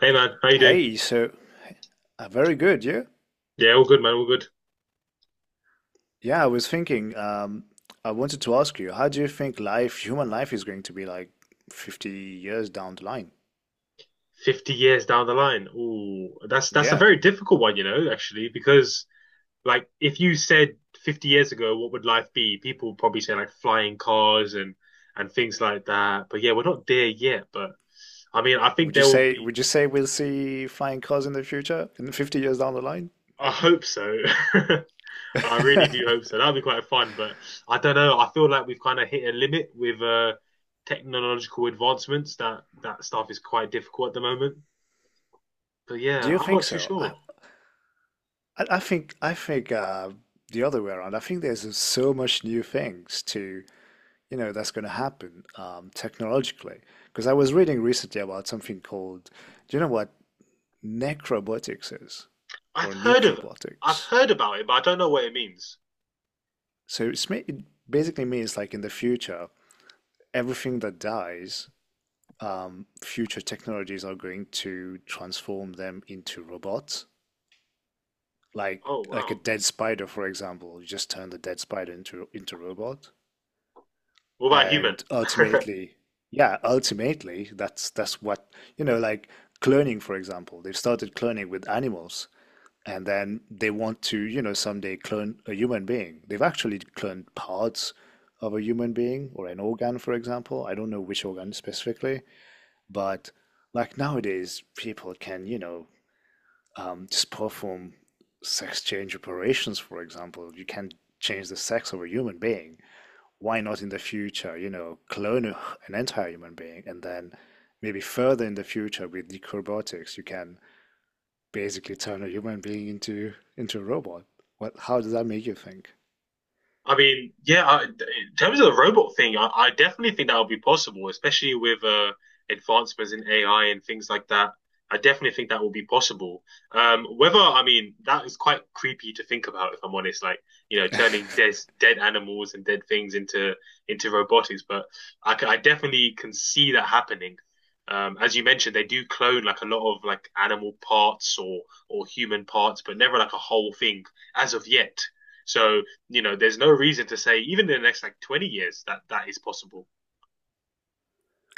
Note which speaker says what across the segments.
Speaker 1: Hey man, how you doing?
Speaker 2: Hey, so very good, yeah?
Speaker 1: Yeah, all good, man, all good.
Speaker 2: Yeah, I was thinking, I wanted to ask you, how do you think life, human life is going to be like 50 years down the line?
Speaker 1: 50 years down the line. Ooh, that's a
Speaker 2: Yeah.
Speaker 1: very difficult one, you know, actually. Because like if you said 50 years ago, what would life be? People would probably say like flying cars and things like that. But yeah, we're not there yet, but I mean, I think
Speaker 2: Would you
Speaker 1: there will
Speaker 2: say
Speaker 1: be.
Speaker 2: we'll see flying cars in the future, in 50 years down the line?
Speaker 1: I hope so. I really do hope so. That'll be quite fun, but I don't know. I feel like we've kind of hit a limit with technological advancements. That stuff is quite difficult at the moment. But
Speaker 2: Do
Speaker 1: yeah,
Speaker 2: you
Speaker 1: I'm
Speaker 2: think
Speaker 1: not too
Speaker 2: so? I
Speaker 1: sure.
Speaker 2: I I think I think uh, the other way around. I think there's so much new things that's going to happen technologically. Because I was reading recently about something called, do you know what necrobotics is? Or
Speaker 1: I've heard of—
Speaker 2: necrobotics.
Speaker 1: I've heard about it, but I don't know what it means.
Speaker 2: So it basically means like in the future, everything that dies, future technologies are going to transform them into robots. Like
Speaker 1: Oh
Speaker 2: like a
Speaker 1: wow.
Speaker 2: dead spider, for example, you just turn the dead spider into a robot,
Speaker 1: What about human?
Speaker 2: and ultimately, yeah, ultimately, that's what, you know, like cloning, for example, they've started cloning with animals, and then they want to, you know, someday clone a human being. They've actually cloned parts of a human being or an organ, for example. I don't know which organ specifically, but like nowadays, people can, you know, just perform sex change operations, for example. You can change the sex of a human being. Why not in the future, you know, clone an entire human being and then maybe further in the future with deep robotics, you can basically turn a human being into a robot. What, how does that make you think?
Speaker 1: I mean, yeah, in terms of the robot thing, I definitely think that would be possible, especially with advancements in AI and things like that. I definitely think that will be possible. I mean, that is quite creepy to think about, if I'm honest, like, you know, turning dead animals and dead things into robotics. But I definitely can see that happening. As you mentioned, they do clone like a lot of like animal parts or human parts, but never like a whole thing as of yet. So you know, there's no reason to say even in the next like 20 years that that is possible.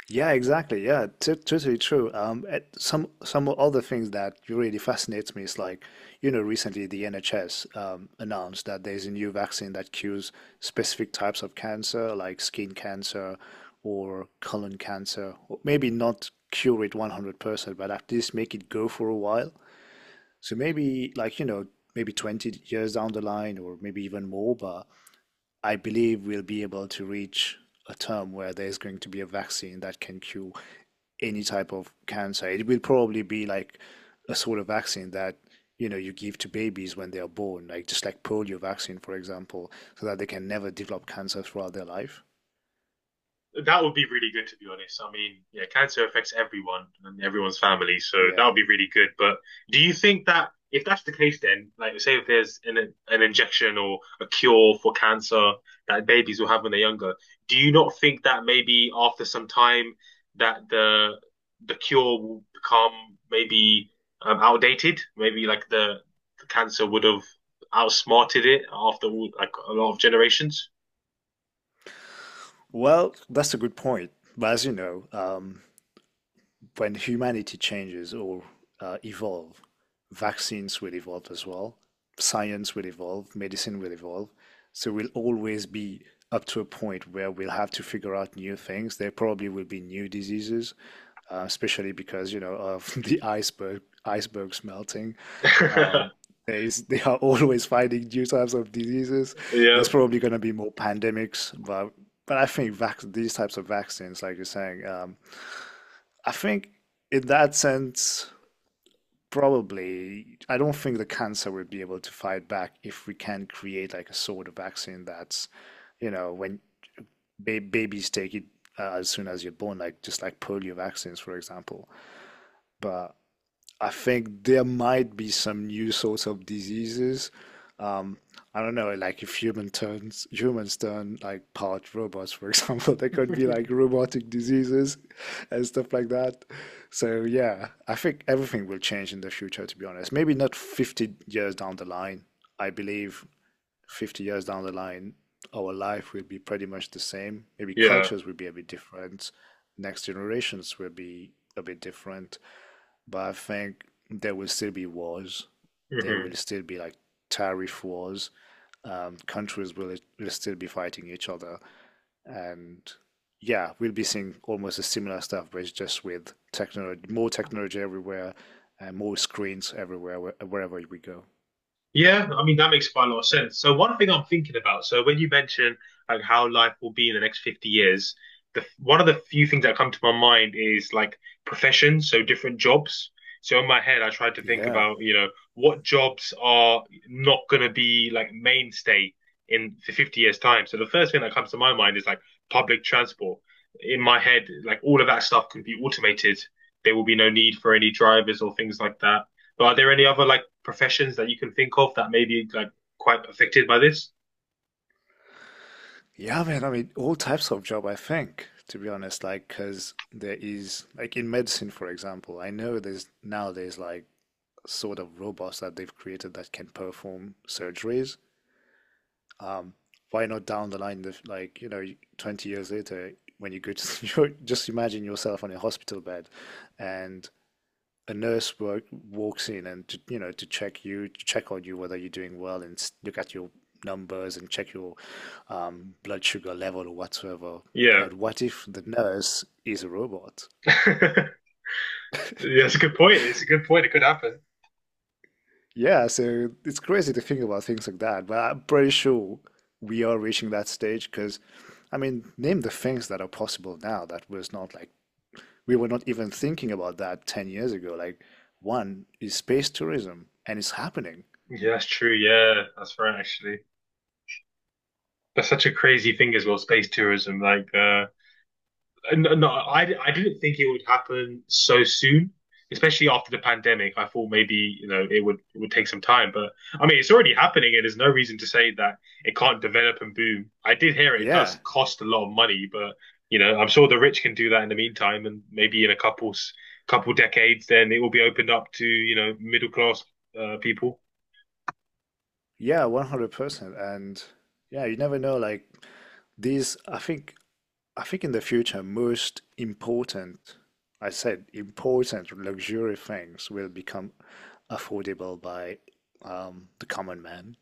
Speaker 2: Yeah, exactly. Yeah, t totally true. At some other things that really fascinates me is like, you know, recently the NHS announced that there's a new vaccine that cures specific types of cancer, like skin cancer or colon cancer. Or maybe not cure it 100%, but at least make it go for a while. So maybe like, you know, maybe 20 years down the line or maybe even more, but I believe we'll be able to reach a term where there's going to be a vaccine that can cure any type of cancer. It will probably be like a sort of vaccine that, you know, you give to babies when they are born, like just like polio vaccine, for example, so that they can never develop cancer throughout their life.
Speaker 1: That would be really good, to be honest. I mean, yeah, cancer affects everyone and everyone's family, so that
Speaker 2: Yeah.
Speaker 1: would be really good. But do you think that if that's the case, then like say if there's an injection or a cure for cancer that babies will have when they're younger, do you not think that maybe after some time that the cure will become maybe outdated? Maybe like the cancer would have outsmarted it after all, like a lot of generations.
Speaker 2: Well, that's a good point. But as you know, when humanity changes or evolve, vaccines will evolve as well, science will evolve, medicine will evolve. So we'll always be up to a point where we'll have to figure out new things. There probably will be new diseases, especially because, you know, of the icebergs melting. Um, there is, they are always finding new types of diseases.
Speaker 1: Yeah,
Speaker 2: There's probably going to be more pandemics, but I think vac these types of vaccines, like you're saying, I think in that sense, probably, I don't think the cancer will be able to fight back if we can create like a sort of vaccine that's, you know, when ba babies take it as soon as you're born, like just like polio vaccines, for example. But I think there might be some new sorts of diseases. Um, I don't know, like if humans turn like part robots, for example, there could be like robotic diseases and stuff like that. So yeah, I think everything will change in the future, to be honest. Maybe not 50 years down the line. I believe 50 years down the line, our life will be pretty much the same. Maybe
Speaker 1: yeah.
Speaker 2: cultures will be a bit different. Next generations will be a bit different, but I think there will still be wars. There
Speaker 1: Hmm.
Speaker 2: will still be like tariff wars. Countries will still be fighting each other, and yeah, we'll be seeing almost a similar stuff, but it's just with technology, more technology everywhere, and more screens everywhere wherever we go.
Speaker 1: Yeah, I mean that makes quite a lot of sense. So one thing I'm thinking about, so when you mention like how life will be in the next 50 years, the one of the few things that come to my mind is like professions, so different jobs. So in my head, I tried to think
Speaker 2: Yeah,
Speaker 1: about, you know, what jobs are not going to be like mainstay in the 50 years time. So the first thing that comes to my mind is like public transport. In my head, like all of that stuff could be automated. There will be no need for any drivers or things like that. But are there any other like professions that you can think of that may be like quite affected by this?
Speaker 2: yeah, man. I mean, all types of job. I think, to be honest, like because there is like in medicine, for example. I know there's nowadays like sort of robots that they've created that can perform surgeries. Um, why not down the line, like, you know, 20 years later, when you go to, you just imagine yourself on a hospital bed and a walks in and, to, you know, to check you, to check on you whether you're doing well and look at your numbers and check your blood sugar level or whatsoever.
Speaker 1: Yeah.
Speaker 2: And what if the nurse is a robot?
Speaker 1: Yeah, that's a good point. It's a good point. It could happen.
Speaker 2: Yeah, so it's crazy to think about things like that, but I'm pretty sure we are reaching that stage because, I mean, name the things that are possible now that was not like we were not even thinking about that 10 years ago. Like, one is space tourism, and it's happening.
Speaker 1: Yeah, that's true. Yeah, that's right, actually. That's such a crazy thing as well, space tourism. Like, no, I didn't think it would happen so soon, especially after the pandemic. I thought maybe you know it would take some time, but I mean it's already happening, and there's no reason to say that it can't develop and boom. I did hear it, it
Speaker 2: Yeah,
Speaker 1: does cost a lot of money, but you know I'm sure the rich can do that in the meantime, and maybe in a couple decades, then it will be opened up to you know middle class people.
Speaker 2: yeah, 100%. And yeah, you never know. Like, I think in the future, most important, I said important luxury things will become affordable by the common man.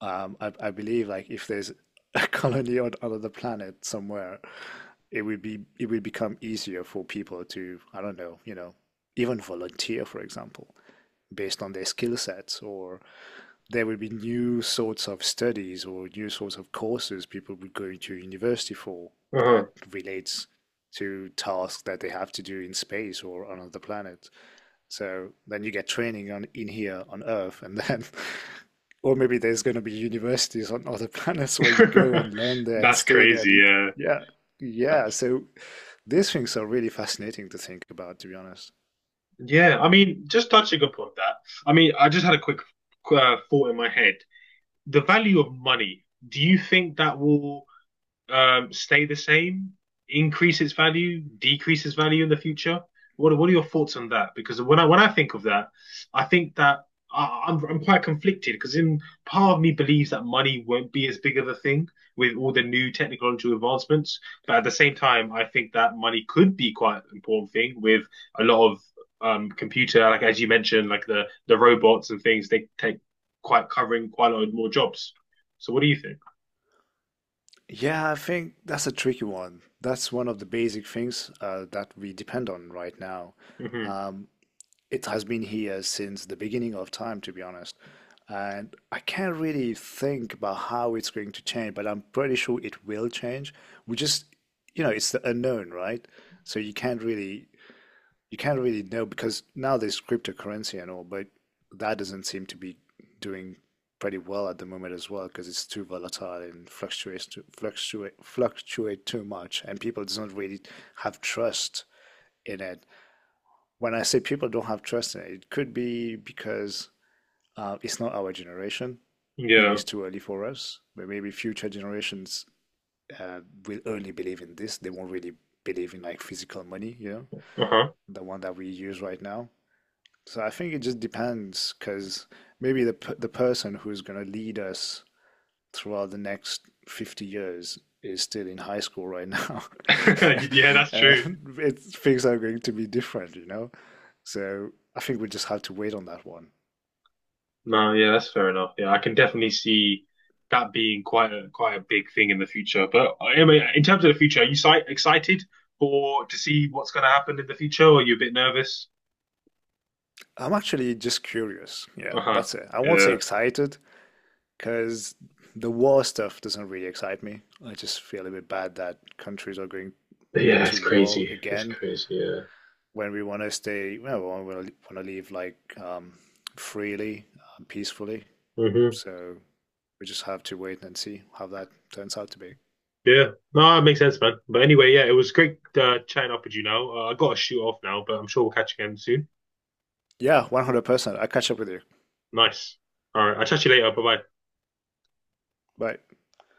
Speaker 2: I believe like if there's a colony on another planet somewhere, it will become easier for people to, I don't know, you know, even volunteer, for example, based on their skill sets, or there would be new sorts of studies or new sorts of courses people would go into university for that
Speaker 1: Uh-huh.
Speaker 2: relates to tasks that they have to do in space or on other planets. So then you get training on in here on Earth, and then, or maybe there's going to be universities on other planets where you go and learn there and
Speaker 1: That's
Speaker 2: stay there.
Speaker 1: crazy.
Speaker 2: Yeah,
Speaker 1: Yeah.
Speaker 2: yeah. So these things are really fascinating to think about, to be honest.
Speaker 1: Yeah, I mean, just touching upon that, I mean, I just had a quick thought in my head. The value of money, do you think that will stay the same, increase its value, decrease its value in the future? What are your thoughts on that? Because when I think of that, I think that I'm quite conflicted because in part of me believes that money won't be as big of a thing with all the new technological advancements, but at the same time, I think that money could be quite an important thing with a lot of computer, like as you mentioned, like the robots and things, they take quite covering quite a lot more jobs. So what do you think?
Speaker 2: Yeah, I think that's a tricky one. That's one of the basic things that we depend on right now.
Speaker 1: Hmm.
Speaker 2: Um, it has been here since the beginning of time, to be honest. And I can't really think about how it's going to change, but I'm pretty sure it will change. We just, you know, it's the unknown, right? So you can't really know because now there's cryptocurrency and all, but that doesn't seem to be doing pretty well at the moment as well because it's too volatile and fluctuates to fluctuate fluctuate too much, and people don't really have trust in it. When I say people don't have trust in it, it could be because it's not our generation. Maybe
Speaker 1: Yeah.
Speaker 2: it's too early for us, but maybe future generations uh, will only believe in this. They won't really believe in like physical money, you know,
Speaker 1: Uh-huh.
Speaker 2: the one that we use right now. So I think it just depends because maybe the person who's going to lead us throughout the next 50 years is still in high school right now.
Speaker 1: Yeah, that's
Speaker 2: Uh,
Speaker 1: true.
Speaker 2: it, things are going to be different, you know? So I think we just have to wait on that one.
Speaker 1: No, yeah, that's fair enough. Yeah, I can definitely see that being quite a quite a big thing in the future. But I mean, in terms of the future, are you si excited for to see what's going to happen in the future, or are you a bit nervous?
Speaker 2: I'm actually just curious. Yeah,
Speaker 1: Uh-huh.
Speaker 2: that's it. I won't say
Speaker 1: Yeah.
Speaker 2: excited because the war stuff doesn't really excite me. I just feel a bit bad that countries are going
Speaker 1: Yeah,
Speaker 2: to
Speaker 1: it's
Speaker 2: war
Speaker 1: crazy. It's
Speaker 2: again.
Speaker 1: crazy. Yeah.
Speaker 2: When we want to stay, well, we want to leave like um, freely, peacefully.
Speaker 1: Hmm.
Speaker 2: So we just have to wait and see how that turns out to be.
Speaker 1: Yeah. No, it makes sense, man. But anyway, yeah, it was great chatting up with you now. I got to shoot off now, but I'm sure we'll catch again soon.
Speaker 2: Yeah, 100%. I'll catch up with you.
Speaker 1: Nice. All right. I'll chat to you later. Bye bye.
Speaker 2: Bye.